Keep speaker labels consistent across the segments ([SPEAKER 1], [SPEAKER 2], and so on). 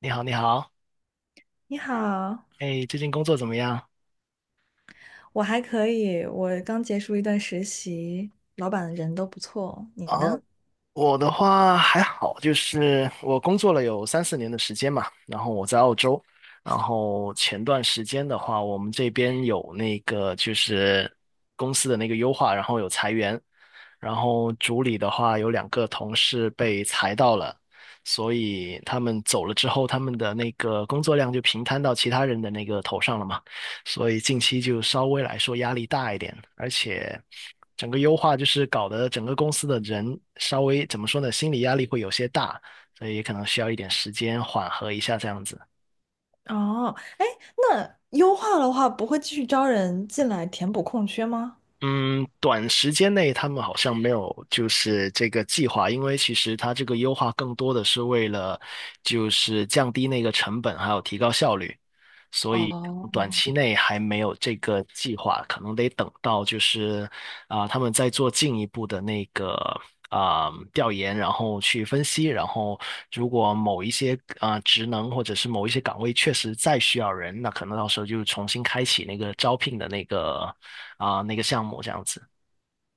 [SPEAKER 1] 你好，你好，
[SPEAKER 2] 你好，
[SPEAKER 1] 哎，最近工作怎么样？
[SPEAKER 2] 我还可以，我刚结束一段实习，老板人都不错。
[SPEAKER 1] 啊，
[SPEAKER 2] 你呢？
[SPEAKER 1] 我的话还好，就是我工作了有三四年的时间嘛，然后我在澳洲，然后前段时间的话，我们这边有那个就是公司的那个优化，然后有裁员，然后组里的话有两个同事被裁到了，所以他们走了之后，他们的那个工作量就平摊到其他人的那个头上了嘛，所以近期就稍微来说压力大一点，而且整个优化就是搞得整个公司的人稍微怎么说呢，心理压力会有些大，所以可能需要一点时间缓和一下这样子。
[SPEAKER 2] 哦，哎，那优化的话，不会继续招人进来填补空缺吗？
[SPEAKER 1] 嗯，短时间内他们好像没有就是这个计划，因为其实它这个优化更多的是为了就是降低那个成本，还有提高效率。所以
[SPEAKER 2] 哦，
[SPEAKER 1] 短期内还没有这个计划，可能得等到就是他们在做进一步的那个调研，然后去分析，然后如果某一些职能或者是某一些岗位确实再需要人，那可能到时候就重新开启那个招聘的那个那个项目这样子。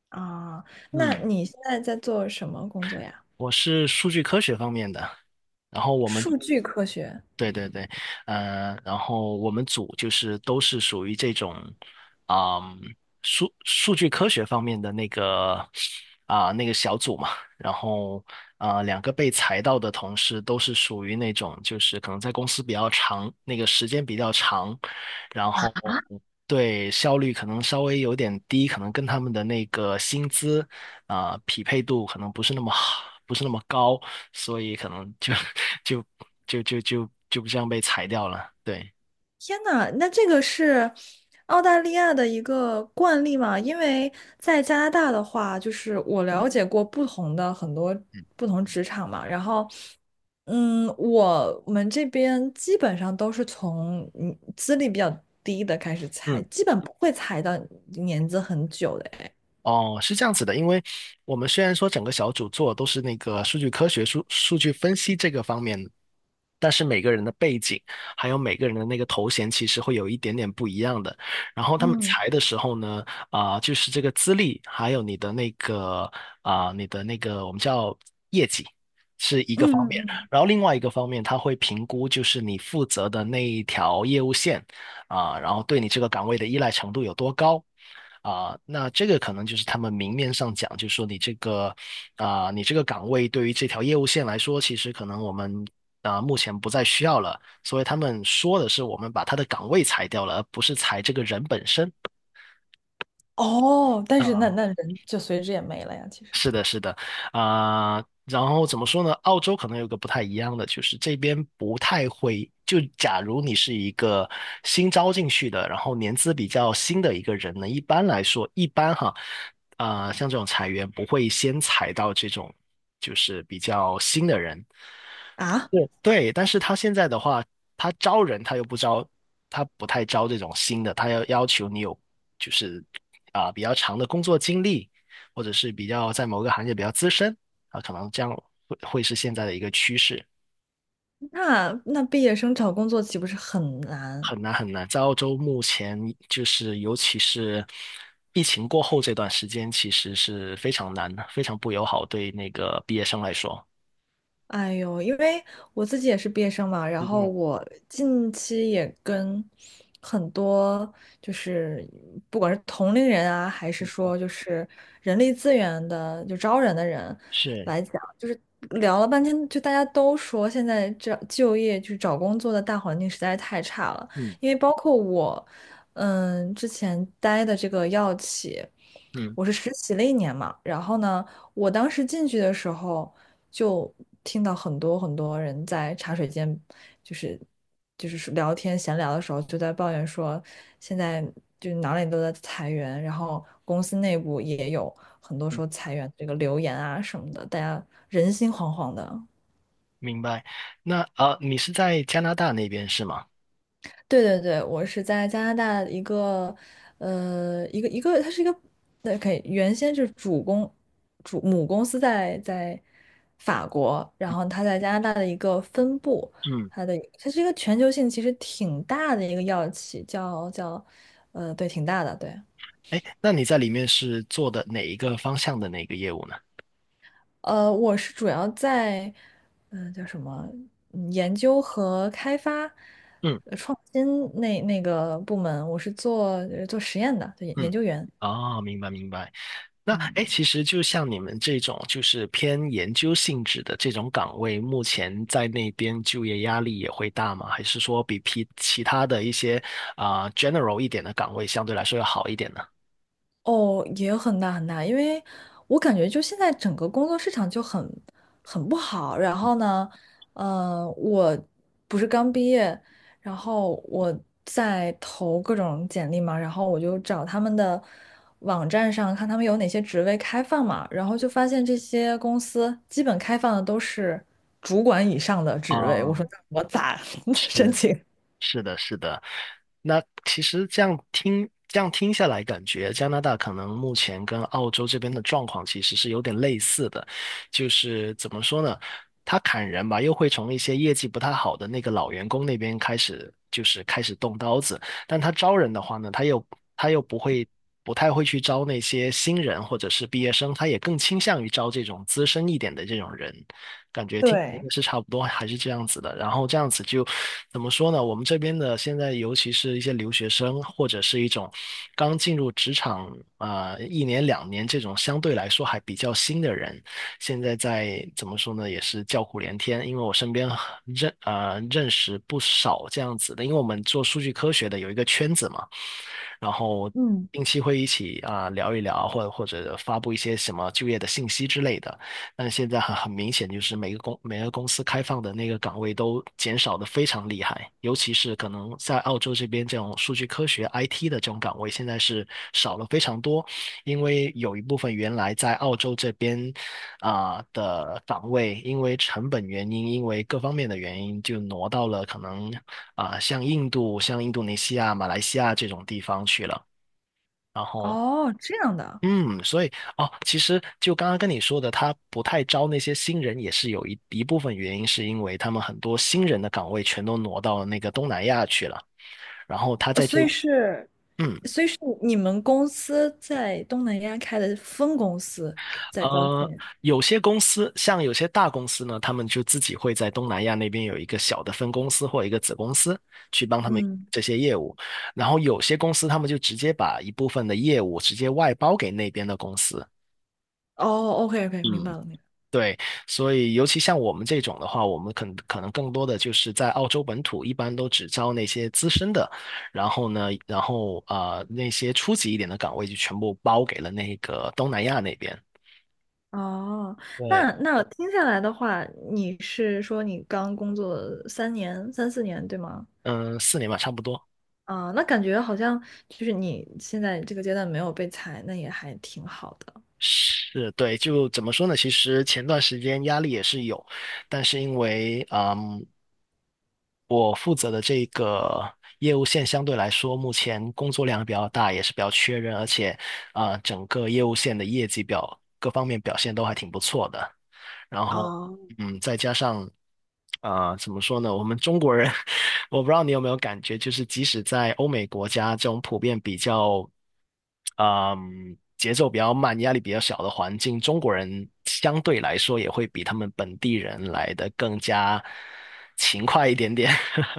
[SPEAKER 2] 啊，那
[SPEAKER 1] 嗯，
[SPEAKER 2] 你现在在做什么工作呀？
[SPEAKER 1] 我是数据科学方面的，然后我们
[SPEAKER 2] 数据科学。
[SPEAKER 1] 对对对，然后我们组就是都是属于这种，啊、数据科学方面的那个小组嘛，然后两个被裁到的同事都是属于那种就是可能在公司比较长，那个时间比较长，然后对效率可能稍微有点低，可能跟他们的那个薪资匹配度可能不是那么好，不是那么高。所以可能就 就就这样被裁掉了。对，
[SPEAKER 2] 天呐，那这个是澳大利亚的一个惯例嘛？因为在加拿大的话，就是我了解过不同的很多不同职场嘛，然后，嗯，我们这边基本上都是从嗯资历比较低的开始裁，
[SPEAKER 1] 嗯。
[SPEAKER 2] 基本不会裁到年资很久的哎。
[SPEAKER 1] 哦，是这样子的，因为我们虽然说整个小组做都是那个数据科学、数据分析这个方面，但是每个人的背景还有每个人的那个头衔其实会有一点点不一样的。然后他们
[SPEAKER 2] 嗯
[SPEAKER 1] 裁的时候呢，就是这个资历，还有你的那个我们叫业绩是一
[SPEAKER 2] 嗯
[SPEAKER 1] 个方
[SPEAKER 2] 嗯
[SPEAKER 1] 面，
[SPEAKER 2] 嗯。
[SPEAKER 1] 然后另外一个方面他会评估就是你负责的那一条业务线然后对你这个岗位的依赖程度有多高。那这个可能就是他们明面上讲，就是说你这个岗位对于这条业务线来说，其实可能我们目前不再需要了，所以他们说的是我们把他的岗位裁掉了，而不是裁这个人本身。
[SPEAKER 2] 哦，但是那
[SPEAKER 1] 啊。
[SPEAKER 2] 那人就随之也没了呀，其实。
[SPEAKER 1] 是的，是的，然后怎么说呢？澳洲可能有个不太一样的，就是这边不太会。就假如你是一个新招进去的，然后年资比较新的一个人呢，一般来说，一般哈，像这种裁员不会先裁到这种就是比较新的人，
[SPEAKER 2] 啊，
[SPEAKER 1] 对，但是他现在的话，他招人他又不招，他不太招这种新的，他要求你有就是比较长的工作经历，或者是比较在某个行业比较资深啊，可能这样会是现在的一个趋势，
[SPEAKER 2] 那毕业生找工作岂不是很难？
[SPEAKER 1] 很难很难。在澳洲目前就是尤其是疫情过后这段时间，其实是非常难的，非常不友好对那个毕业生来说。
[SPEAKER 2] 哎呦，因为我自己也是毕业生嘛，然
[SPEAKER 1] 嗯
[SPEAKER 2] 后
[SPEAKER 1] 嗯
[SPEAKER 2] 我近期也跟很多就是不管是同龄人啊，还是
[SPEAKER 1] 嗯，
[SPEAKER 2] 说就是人力资源的就招人的人
[SPEAKER 1] 是，
[SPEAKER 2] 来讲，就是聊了半天，就大家都说现在这就业就是找工作的大环境实在是太差了，
[SPEAKER 1] 嗯
[SPEAKER 2] 因为包括我，嗯，之前待的这个药企，
[SPEAKER 1] 嗯。
[SPEAKER 2] 我是实习了一年嘛，然后呢。我当时进去的时候，就听到很多很多人在茶水间，就是就是聊天闲聊的时候，就在抱怨说，现在就哪里都在裁员，然后公司内部也有很多说裁员这个流言啊什么的，大家人心惶惶的。
[SPEAKER 1] 明白。那你是在加拿大那边是吗？
[SPEAKER 2] 对对对，我是在加拿大一个，呃，一个，它是一个，对，可以，原先是主公，主母公司在法国，然后它在加拿大的一个分部，
[SPEAKER 1] 嗯，
[SPEAKER 2] 它是一个全球性其实挺大的一个药企，叫，呃，对，挺大的，对，
[SPEAKER 1] 哎，那你在里面是做的哪一个方向的哪个业务呢？
[SPEAKER 2] 呃，我是主要在，叫什么，嗯研究和开发。
[SPEAKER 1] 嗯
[SPEAKER 2] 呃创新那个部门，我是做做实验的，对，研
[SPEAKER 1] 嗯，
[SPEAKER 2] 究员。
[SPEAKER 1] 哦，明白明白。那哎，诶
[SPEAKER 2] 嗯。
[SPEAKER 1] 其实就像你们这种就是偏研究性质的这种岗位，目前在那边就业压力也会大吗？还是说比其他的一些general 一点的岗位相对来说要好一点呢？
[SPEAKER 2] 哦，也很大，因为我感觉就现在整个工作市场就很不好。然后呢，呃，我不是刚毕业，然后我在投各种简历嘛，然后我就找他们的网站上看他们有哪些职位开放嘛，然后就发现这些公司基本开放的都是主管以上的职位。我
[SPEAKER 1] 啊，
[SPEAKER 2] 说那我咋 申
[SPEAKER 1] 是。
[SPEAKER 2] 请？
[SPEAKER 1] 是的，是的。那其实这样听下来，感觉加拿大可能目前跟澳洲这边的状况其实是有点类似的，就是怎么说呢？他砍人吧，又会从一些业绩不太好的那个老员工那边开始，就是开始动刀子。但他招人的话呢，他又不会，不太会去招那些新人或者是毕业生，他也更倾向于招这种资深一点的这种人。感觉听起来应
[SPEAKER 2] 对，
[SPEAKER 1] 该是差不多，还是这样子的。然后这样子就怎么说呢？我们这边的现在，尤其是一些留学生，或者是一种刚进入职场一年两年这种相对来说还比较新的人，现在在怎么说呢？也是叫苦连天，因为我身边认识不少这样子的，因为我们做数据科学的有一个圈子嘛。然后
[SPEAKER 2] 嗯。
[SPEAKER 1] 定期会一起聊一聊，或者发布一些什么就业的信息之类的。但现在很明显，就是每个公司开放的那个岗位都减少的非常厉害，尤其是可能在澳洲这边这种数据科学 IT 的这种岗位，现在是少了非常多，因为有一部分原来在澳洲这边，的岗位，因为成本原因，因为各方面的原因，就挪到了可能像印度、像印度尼西亚、马来西亚这种地方去了。然后，
[SPEAKER 2] 哦，这样的。
[SPEAKER 1] 嗯，所以哦，其实就刚刚跟你说的，他不太招那些新人，也是有一部分原因，是因为他们很多新人的岗位全都挪到那个东南亚去了。然后他
[SPEAKER 2] 呃，
[SPEAKER 1] 在
[SPEAKER 2] 所
[SPEAKER 1] 这，
[SPEAKER 2] 以是，
[SPEAKER 1] 嗯。
[SPEAKER 2] 所以是你们公司在东南亚开的分公司在招
[SPEAKER 1] 呃，
[SPEAKER 2] 聘，
[SPEAKER 1] 有些公司，像有些大公司呢，他们就自己会在东南亚那边有一个小的分公司或一个子公司，去帮他们
[SPEAKER 2] 嗯，
[SPEAKER 1] 这些业务。然后有些公司，他们就直接把一部分的业务直接外包给那边的公司。
[SPEAKER 2] 哦，OK OK，明白
[SPEAKER 1] 嗯，
[SPEAKER 2] 了，明白了。
[SPEAKER 1] 对，所以尤其像我们这种的话，我们可能更多的就是在澳洲本土，一般都只招那些资深的，然后呢，然后那些初级一点的岗位就全部包给了那个东南亚那边。
[SPEAKER 2] 哦，
[SPEAKER 1] 对，
[SPEAKER 2] 那听下来的话，你是说你刚工作三年、三四年，对吗？
[SPEAKER 1] 嗯，四年吧，差不多。
[SPEAKER 2] 啊，那感觉好像就是你现在这个阶段没有被裁，那也还挺好的。
[SPEAKER 1] 是对，就怎么说呢？其实前段时间压力也是有，但是因为，我负责的这个业务线相对来说，目前工作量比较大，也是比较缺人，而且整个业务线的业绩表各方面表现都还挺不错的。然后，再加上怎么说呢？我们中国人，我不知道你有没有感觉，就是即使在欧美国家这种普遍比较节奏比较慢、压力比较小的环境，中国人相对来说也会比他们本地人来的更加勤快一点点。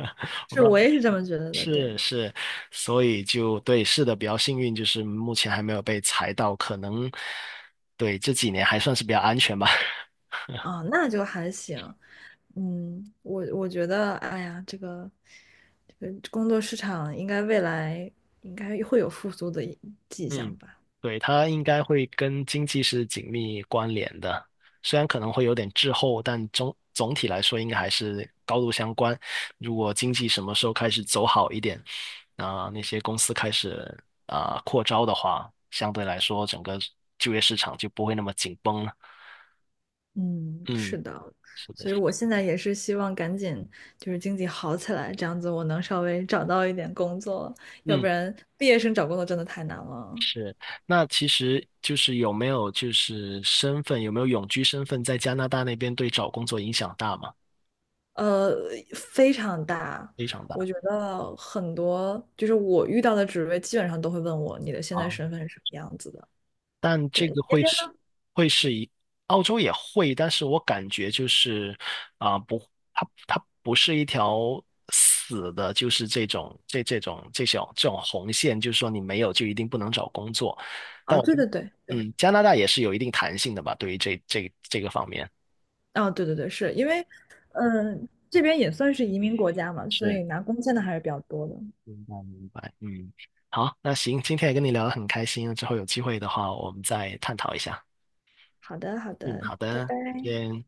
[SPEAKER 1] 我
[SPEAKER 2] 是
[SPEAKER 1] 不知
[SPEAKER 2] 我
[SPEAKER 1] 道，
[SPEAKER 2] 也是这么觉得的，对。
[SPEAKER 1] 是是，所以就对，是的，比较幸运，就是目前还没有被裁到，可能对这几年还算是比较安全吧。
[SPEAKER 2] 啊，那就还行。嗯，我觉得，哎呀，这个工作市场应该未来应该会有复苏的一迹
[SPEAKER 1] 嗯，
[SPEAKER 2] 象吧？
[SPEAKER 1] 对，它应该会跟经济是紧密关联的，虽然可能会有点滞后，但总体来说应该还是高度相关。如果经济什么时候开始走好一点，那些公司开始扩招的话，相对来说整个就业市场就不会那么紧绷了。
[SPEAKER 2] 嗯，
[SPEAKER 1] 嗯，
[SPEAKER 2] 是的，
[SPEAKER 1] 是的，
[SPEAKER 2] 所以我现在也是希望赶紧就是经济好起来，这样子我能稍微找到一点工作，要不
[SPEAKER 1] 嗯，
[SPEAKER 2] 然毕业生找工作真的太难了。
[SPEAKER 1] 是。那其实就是有没有就是身份，有没有永居身份，在加拿大那边对找工作影响大吗？
[SPEAKER 2] 呃，非常大。
[SPEAKER 1] 非常
[SPEAKER 2] 我
[SPEAKER 1] 大。
[SPEAKER 2] 觉得很多就是我遇到的职位，基本上都会问我你的现在
[SPEAKER 1] 啊。
[SPEAKER 2] 身份是什么样子的。
[SPEAKER 1] 但
[SPEAKER 2] 对，
[SPEAKER 1] 这
[SPEAKER 2] 你
[SPEAKER 1] 个
[SPEAKER 2] 那
[SPEAKER 1] 会
[SPEAKER 2] 边
[SPEAKER 1] 是会是一，澳洲也会，但是我感觉就是不，它不是一条死的，就是这种这种红线，就是说你没有就一定不能找工作。但
[SPEAKER 2] 啊，
[SPEAKER 1] 我
[SPEAKER 2] 对
[SPEAKER 1] 就，
[SPEAKER 2] 对对对，
[SPEAKER 1] 加拿大也是有一定弹性的吧，对于这个方面
[SPEAKER 2] 啊，对对对，是因为，这边也算是移民国家嘛，所
[SPEAKER 1] 是
[SPEAKER 2] 以拿工签的还是比较多的。
[SPEAKER 1] 明白明白，嗯，好，那行，今天也跟你聊得很开心，之后有机会的话我们再探讨一下。
[SPEAKER 2] 好的，好
[SPEAKER 1] 嗯，
[SPEAKER 2] 的。
[SPEAKER 1] 好的，再见。